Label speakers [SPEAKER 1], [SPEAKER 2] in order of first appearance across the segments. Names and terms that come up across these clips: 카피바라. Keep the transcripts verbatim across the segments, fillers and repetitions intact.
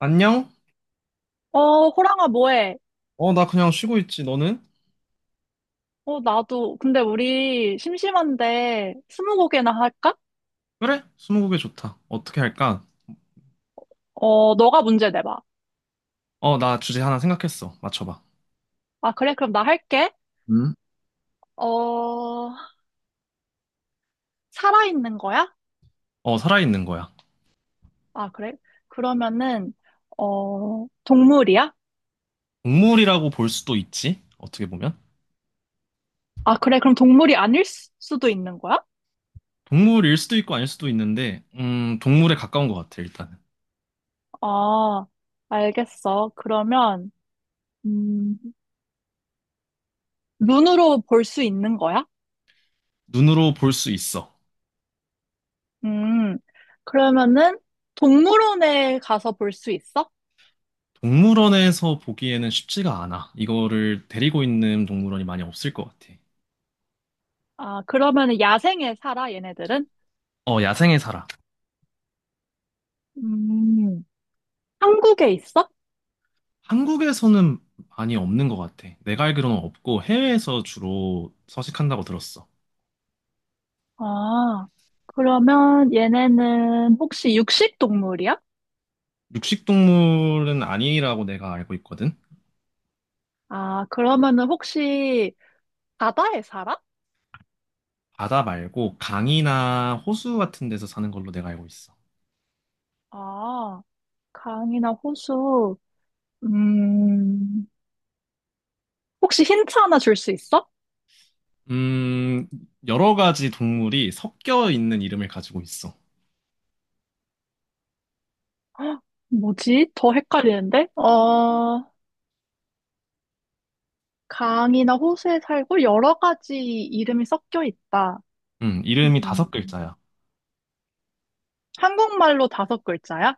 [SPEAKER 1] 안녕?
[SPEAKER 2] 어, 호랑아, 뭐해?
[SPEAKER 1] 어, 나 그냥 쉬고 있지. 너는?
[SPEAKER 2] 어, 나도. 근데 우리 심심한데 스무고개나 할까?
[SPEAKER 1] 그래? 스무고개 좋다. 어떻게 할까?
[SPEAKER 2] 어, 너가 문제 내봐.
[SPEAKER 1] 어, 나 주제 하나 생각했어. 맞춰봐.
[SPEAKER 2] 아, 그래? 그럼 나 할게.
[SPEAKER 1] 응?
[SPEAKER 2] 어, 살아있는 거야?
[SPEAKER 1] 어, 살아있는 거야.
[SPEAKER 2] 아, 그래? 그러면은, 어, 동물이야?
[SPEAKER 1] 동물이라고 볼 수도 있지. 어떻게 보면.
[SPEAKER 2] 아, 그래? 그럼 동물이 아닐 수- 수도 있는 거야?
[SPEAKER 1] 동물일 수도 있고 아닐 수도 있는데, 음, 동물에 가까운 것 같아, 일단은.
[SPEAKER 2] 아, 알겠어. 그러면, 음, 눈으로 볼 수 있는 거야?
[SPEAKER 1] 눈으로 볼 수 있어.
[SPEAKER 2] 음, 그러면은 동물원에 가서 볼 수 있어?
[SPEAKER 1] 동물원에서 보기에는 쉽지가 않아. 이거를 데리고 있는 동물원이 많이 없을 것 같아.
[SPEAKER 2] 아, 그러면은 야생에 살아, 얘네들은?
[SPEAKER 1] 어, 야생에 살아.
[SPEAKER 2] 음, 한국에 있어?
[SPEAKER 1] 한국에서는 많이 없는 것 같아. 내가 알기로는 없고 해외에서 주로 서식한다고 들었어.
[SPEAKER 2] 아, 그러면 얘네는 혹시 육식 동물이야?
[SPEAKER 1] 육식동물은 아니라고 내가 알고 있거든.
[SPEAKER 2] 아, 그러면은 혹시 바다에 살아?
[SPEAKER 1] 바다 말고 강이나 호수 같은 데서 사는 걸로 내가 알고 있어.
[SPEAKER 2] 아, 강이나 호수. 음, 혹시 힌트 하나 줄 수 있어?
[SPEAKER 1] 음, 여러 가지 동물이 섞여 있는 이름을 가지고 있어.
[SPEAKER 2] 뭐지? 더 헷갈리는데? 어, 강이나 호수에 살고 여러 가지 이름이 섞여 있다.
[SPEAKER 1] 음, 이름이
[SPEAKER 2] 음,
[SPEAKER 1] 다섯 글자야.
[SPEAKER 2] 한국말로 다섯 글자야?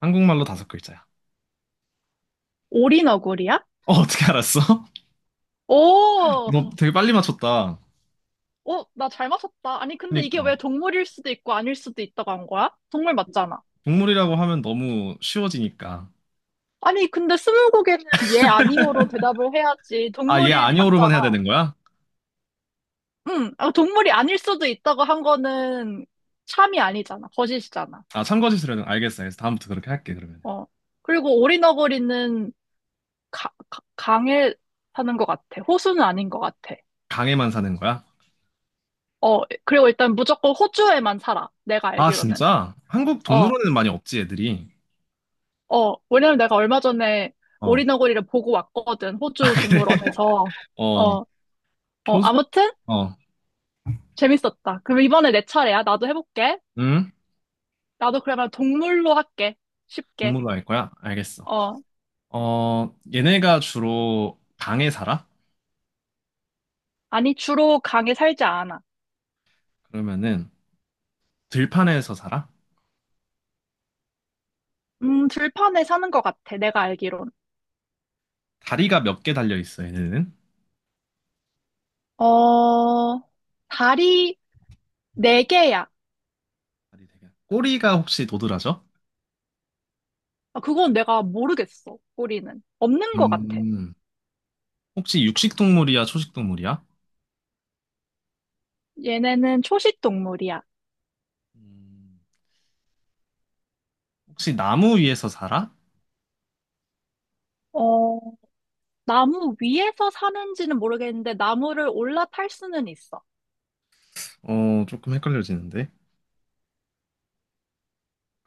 [SPEAKER 1] 한국말로 다섯 글자야.
[SPEAKER 2] 오리너구리야?
[SPEAKER 1] 어, 어떻게 알았어?
[SPEAKER 2] 오,
[SPEAKER 1] 너 되게 빨리 맞췄다.
[SPEAKER 2] 오, 나 잘 맞췄다. 아니, 근데 이게
[SPEAKER 1] 그러니까.
[SPEAKER 2] 왜 동물일 수도 있고 아닐 수도 있다고 한 거야? 동물 맞잖아.
[SPEAKER 1] 동물이라고 하면 너무 쉬워지니까.
[SPEAKER 2] 아니, 근데 스무고개는 예, 아니오로 대답을 해야지.
[SPEAKER 1] 아, 얘
[SPEAKER 2] 동물이
[SPEAKER 1] 아니오로만 해야
[SPEAKER 2] 맞잖아.
[SPEAKER 1] 되는 거야?
[SPEAKER 2] 응, 아, 동물이 아닐 수도 있다고 한 거는 참이 아니잖아. 거짓이잖아.
[SPEAKER 1] 아, 참거짓으로는 알겠어. 그래서 다음부터 그렇게 할게, 그러면.
[SPEAKER 2] 어. 그리고 오리너구리는 가, 가- 강에 사는 것 같아. 호수는 아닌 것 같아.
[SPEAKER 1] 강에만 사는 거야?
[SPEAKER 2] 어, 그리고 일단 무조건 호주에만 살아. 내가
[SPEAKER 1] 아,
[SPEAKER 2] 알기로는.
[SPEAKER 1] 진짜? 한국
[SPEAKER 2] 어,
[SPEAKER 1] 동물원에는 많이 없지, 애들이.
[SPEAKER 2] 어, 왜냐면 내가 얼마 전에
[SPEAKER 1] 어.
[SPEAKER 2] 오리너구리를 보고 왔거든, 호주 동물원에서.
[SPEAKER 1] 어,
[SPEAKER 2] 어, 어,
[SPEAKER 1] 호수,
[SPEAKER 2] 아무튼
[SPEAKER 1] 어,
[SPEAKER 2] 재밌었다. 그럼 이번에 내 차례야. 나도 해볼게.
[SPEAKER 1] 응?
[SPEAKER 2] 나도 그러면 동물로 할게. 쉽게.
[SPEAKER 1] 동물로 할 거야? 알겠어.
[SPEAKER 2] 어,
[SPEAKER 1] 어, 얘네가 주로 방에 살아?
[SPEAKER 2] 아니, 주로 강에 살지 않아.
[SPEAKER 1] 그러면은 들판에서 살아?
[SPEAKER 2] 음, 들판에 사는 것 같아. 내가 알기론.
[SPEAKER 1] 다리가 몇 개 달려 있어, 얘네는?
[SPEAKER 2] 어, 다리 네 개야.
[SPEAKER 1] 다리 되게. 꼬리가 혹시 도드라져?
[SPEAKER 2] 아, 그건 내가 모르겠어. 꼬리는. 없는 것 같아.
[SPEAKER 1] 음, 혹시 육식 동물이야, 초식 동물이야?
[SPEAKER 2] 얘네는 초식 동물이야.
[SPEAKER 1] 음, 혹시 나무 위에서 살아?
[SPEAKER 2] 어, 나무 위에서 사는지는 모르겠는데 나무를 올라탈 수는 있어.
[SPEAKER 1] 어, 조금 헷갈려지는데.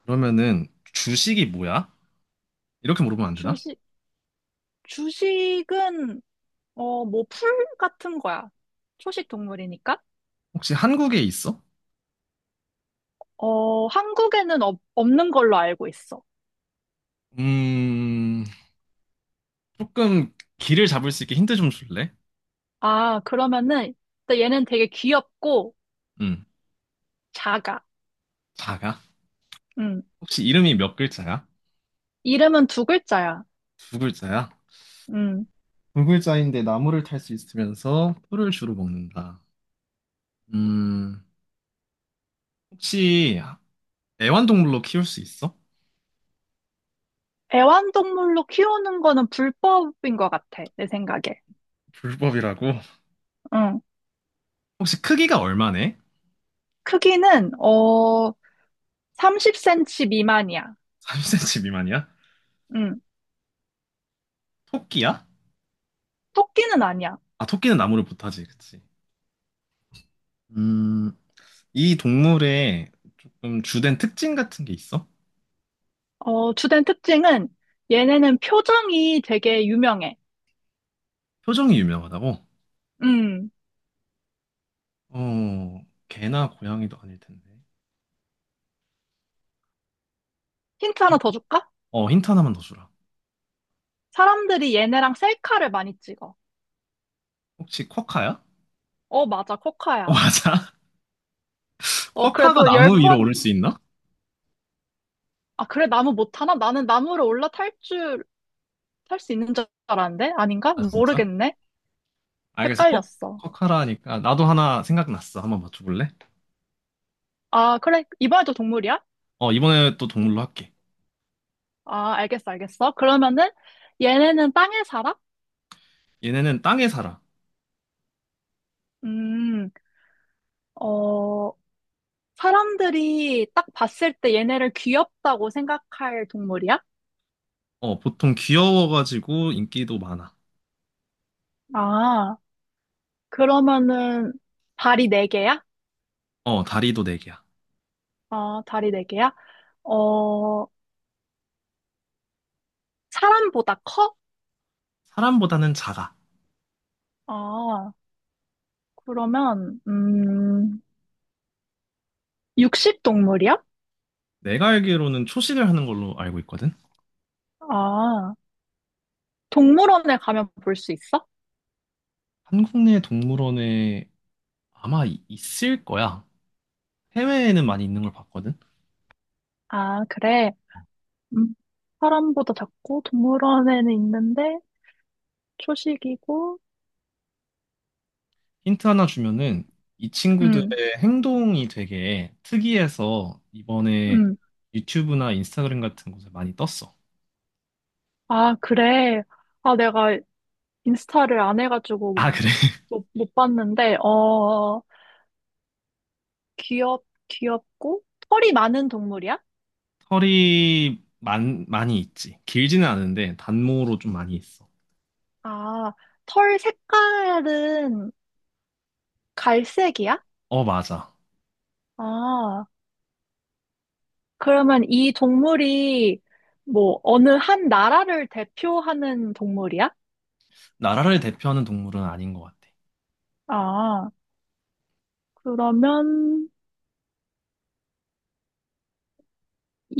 [SPEAKER 1] 그러면은 주식이 뭐야? 이렇게 물어보면 안 되나?
[SPEAKER 2] 주식, 주식은 어, 뭐 풀 같은 거야. 초식 동물이니까.
[SPEAKER 1] 혹시 한국에 있어?
[SPEAKER 2] 어, 한국에는 없, 없는 걸로 알고 있어.
[SPEAKER 1] 음, 조금 길을 잡을 수 있게 힌트 좀 줄래?
[SPEAKER 2] 아, 그러면은 일단 얘는 되게 귀엽고
[SPEAKER 1] 응.
[SPEAKER 2] 작아.
[SPEAKER 1] 자가?
[SPEAKER 2] 음.
[SPEAKER 1] 혹시 이름이 몇 글자야?
[SPEAKER 2] 이름은 두 글자야.
[SPEAKER 1] 두 글자야?
[SPEAKER 2] 음.
[SPEAKER 1] 두 글자인데 나무를 탈 수 있으면서 풀을 주로 먹는다. 음, 혹시 애완동물로 키울 수 있어?
[SPEAKER 2] 애완동물로 키우는 거는 불법인 것 같아. 내 생각에.
[SPEAKER 1] 불법이라고?
[SPEAKER 2] 응.
[SPEAKER 1] 혹시 크기가 얼마네?
[SPEAKER 2] 크기는 어 삼십 센티미터 미만이야.
[SPEAKER 1] 삼십 센티미터 미만이야?
[SPEAKER 2] 응.
[SPEAKER 1] 토끼야?
[SPEAKER 2] 토끼는 아니야.
[SPEAKER 1] 아, 토끼는 나무를 못 타지, 그치? 음, 이 동물의 조금 주된 특징 같은 게 있어?
[SPEAKER 2] 어, 주된 특징은 얘네는 표정이 되게 유명해.
[SPEAKER 1] 표정이 유명하다고?
[SPEAKER 2] 음,
[SPEAKER 1] 어, 개나 고양이도 아닐 텐데.
[SPEAKER 2] 힌트 하나 더 줄까?
[SPEAKER 1] 어, 힌트 하나만 더 주라.
[SPEAKER 2] 사람들이 얘네랑 셀카를 많이 찍어.
[SPEAKER 1] 혹시 쿼카야?
[SPEAKER 2] 어, 맞아,
[SPEAKER 1] 어,
[SPEAKER 2] 코카야.
[SPEAKER 1] 맞아.
[SPEAKER 2] 어,
[SPEAKER 1] 쿼카가
[SPEAKER 2] 그래도 열
[SPEAKER 1] 나무 위로
[SPEAKER 2] 번,
[SPEAKER 1] 오를 수 있나?
[SPEAKER 2] 아, 그래, 나무 못하나? 나는 나무를 올라탈 줄, 탈 수 있는 줄 알았는데? 아닌가?
[SPEAKER 1] 아, 진짜?
[SPEAKER 2] 모르겠네.
[SPEAKER 1] 알겠어. 쿼,
[SPEAKER 2] 헷갈렸어.
[SPEAKER 1] 쿼카라 하니까 나도 하나 생각났어. 한번 맞춰볼래?
[SPEAKER 2] 아, 그래, 이번에도 동물이야?
[SPEAKER 1] 어, 이번에 또 동물로 할게.
[SPEAKER 2] 아, 알겠어, 알겠어. 그러면은 얘네는 땅에 살아?
[SPEAKER 1] 얘네는 땅에 살아.
[SPEAKER 2] 음, 어, 사람들이 딱 봤을 때 얘네를 귀엽다고 생각할 동물이야?
[SPEAKER 1] 어, 보통 귀여워가지고 인기도 많아.
[SPEAKER 2] 아, 그러면은 다리 네개야.
[SPEAKER 1] 어, 다리도 네 개야.
[SPEAKER 2] 아, 다리 네개야. 어, 사람보다 커?
[SPEAKER 1] 사람보다는 작아.
[SPEAKER 2] 아, 그러면, 음, 육식 동물이야?
[SPEAKER 1] 내가 알기로는 초식을 하는 걸로 알고 있거든?
[SPEAKER 2] 아, 동물원에 가면 볼 수 있어?
[SPEAKER 1] 한국 내 동물원에 아마 이- 있을 거야. 해외에는 많이 있는 걸 봤거든?
[SPEAKER 2] 아, 그래. 음, 사람보다 작고 동물원에는 있는데 초식이고,
[SPEAKER 1] 힌트 하나 주면은 이
[SPEAKER 2] 음,
[SPEAKER 1] 친구들의 행동이 되게 특이해서 이번에
[SPEAKER 2] 음.
[SPEAKER 1] 유튜브나 인스타그램 같은 곳에 많이 떴어.
[SPEAKER 2] 아, 그래. 아, 내가 인스타를 안 해가지고
[SPEAKER 1] 아, 그래.
[SPEAKER 2] 못, 못 봤는데, 어, 귀엽, 귀엽고 털이 많은 동물이야?
[SPEAKER 1] 털이 많, 많이 있지. 길지는 않은데 단모로 좀 많이 있어.
[SPEAKER 2] 아, 털 색깔은 갈색이야?
[SPEAKER 1] 어, 맞아.
[SPEAKER 2] 아, 그러면 이 동물이 뭐 어느 한 나라를 대표하는 동물이야?
[SPEAKER 1] 나라를 대표하는 동물은 아닌 것 같아.
[SPEAKER 2] 아, 그러면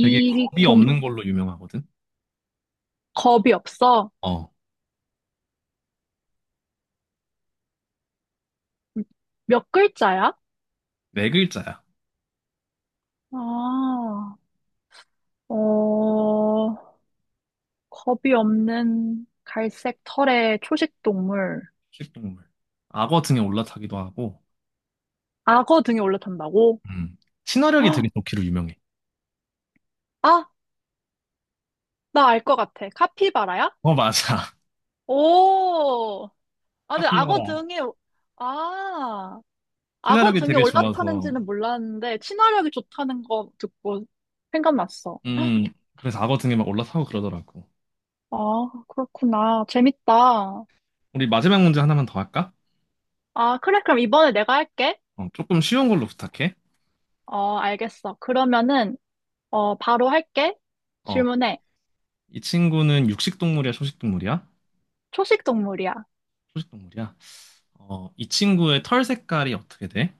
[SPEAKER 1] 되게 겁이
[SPEAKER 2] 동,
[SPEAKER 1] 없는 걸로 유명하거든.
[SPEAKER 2] 겁이 없어?
[SPEAKER 1] 어,
[SPEAKER 2] 몇 글자야?
[SPEAKER 1] 네 글자야.
[SPEAKER 2] 아, 어, 겁이 없는 갈색 털의 초식 동물.
[SPEAKER 1] 식동물. 악어 등에 올라타기도 하고,
[SPEAKER 2] 악어 등에 올라탄다고?
[SPEAKER 1] 음. 친화력이 되게
[SPEAKER 2] 헉,
[SPEAKER 1] 좋기로 유명해.
[SPEAKER 2] 아, 나 알 것 같아. 카피바라야?
[SPEAKER 1] 어, 맞아.
[SPEAKER 2] 오. 아, 근데
[SPEAKER 1] 카피바라.
[SPEAKER 2] 악어 등에, 아, 악어
[SPEAKER 1] 친화력이
[SPEAKER 2] 등에
[SPEAKER 1] 되게 좋아서
[SPEAKER 2] 올라타는지는 몰랐는데, 친화력이 좋다는 거 듣고 생각났어.
[SPEAKER 1] 음, 그래서 악어 등에 막 올라타고 그러더라고.
[SPEAKER 2] 아, 그렇구나. 재밌다.
[SPEAKER 1] 우리 마지막 문제 하나만 더 할까?
[SPEAKER 2] 아, 그래. 그럼 이번에 내가 할게.
[SPEAKER 1] 어, 조금 쉬운 걸로 부탁해.
[SPEAKER 2] 어, 알겠어. 그러면은, 어, 바로 할게.
[SPEAKER 1] 어,
[SPEAKER 2] 질문해.
[SPEAKER 1] 이 친구는 육식 동물이야, 초식 동물이야?
[SPEAKER 2] 초식 동물이야.
[SPEAKER 1] 초식 동물이야. 어, 이 친구의 털 색깔이 어떻게 돼?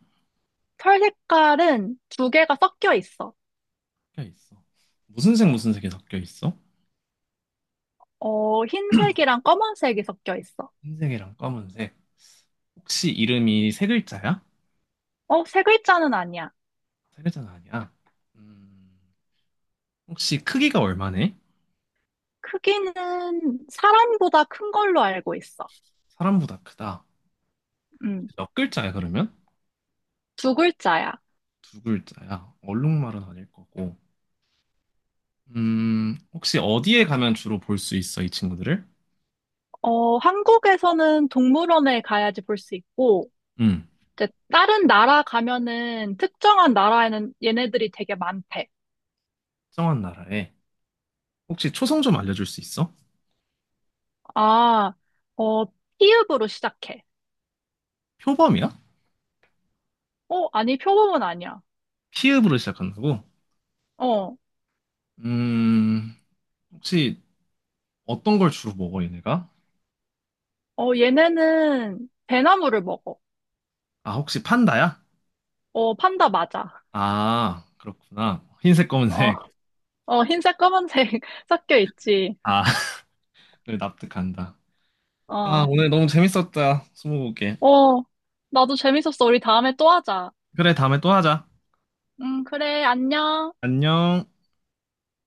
[SPEAKER 2] 털 색깔은 두 개가 섞여 있어.
[SPEAKER 1] 섞여 있어. 무슨 색, 무슨 색이 섞여 있어?
[SPEAKER 2] 어, 흰색이랑 검은색이 섞여 있어.
[SPEAKER 1] 흰색이랑 검은색. 혹시 이름이 세 글자야?
[SPEAKER 2] 어, 세 글자는 아니야.
[SPEAKER 1] 세 글자는 아니야. 음, 혹시 크기가 얼마네?
[SPEAKER 2] 크기는 사람보다 큰 걸로 알고 있어.
[SPEAKER 1] 사람보다 크다.
[SPEAKER 2] 음,
[SPEAKER 1] 혹시 몇 글자야, 그러면?
[SPEAKER 2] 두 글자야.
[SPEAKER 1] 두 글자야. 얼룩말은 아닐 거고. 음, 혹시 어디에 가면 주로 볼 수 있어, 이 친구들을?
[SPEAKER 2] 어, 한국에서는 동물원에 가야지 볼 수 있고,
[SPEAKER 1] 음,
[SPEAKER 2] 이제 다른 나라 가면은 특정한 나라에는 얘네들이 되게 많대.
[SPEAKER 1] 특정한 나라에. 혹시 초성 좀 알려줄 수 있어?
[SPEAKER 2] 아, 어, 피읍으로 시작해.
[SPEAKER 1] 표범이야?
[SPEAKER 2] 어, 아니, 표범은 아니야.
[SPEAKER 1] 피읍으로 시작한다고?
[SPEAKER 2] 어,
[SPEAKER 1] 음, 혹시 어떤 걸 주로 먹어, 얘네가?
[SPEAKER 2] 어, 얘네는 배나무를 먹어.
[SPEAKER 1] 아, 혹시 판다야?
[SPEAKER 2] 어, 판다 맞아.
[SPEAKER 1] 아, 그렇구나. 흰색, 검은색.
[SPEAKER 2] 어, 어, 흰색, 검은색 섞여 있지.
[SPEAKER 1] 아, 그래, 납득한다. 아,
[SPEAKER 2] 어,
[SPEAKER 1] 오늘 너무 재밌었다. 스무고개.
[SPEAKER 2] 어, 나도 재밌었어. 우리 다음에 또 하자.
[SPEAKER 1] 그래, 다음에 또 하자.
[SPEAKER 2] 응, 그래, 안녕.
[SPEAKER 1] 안녕.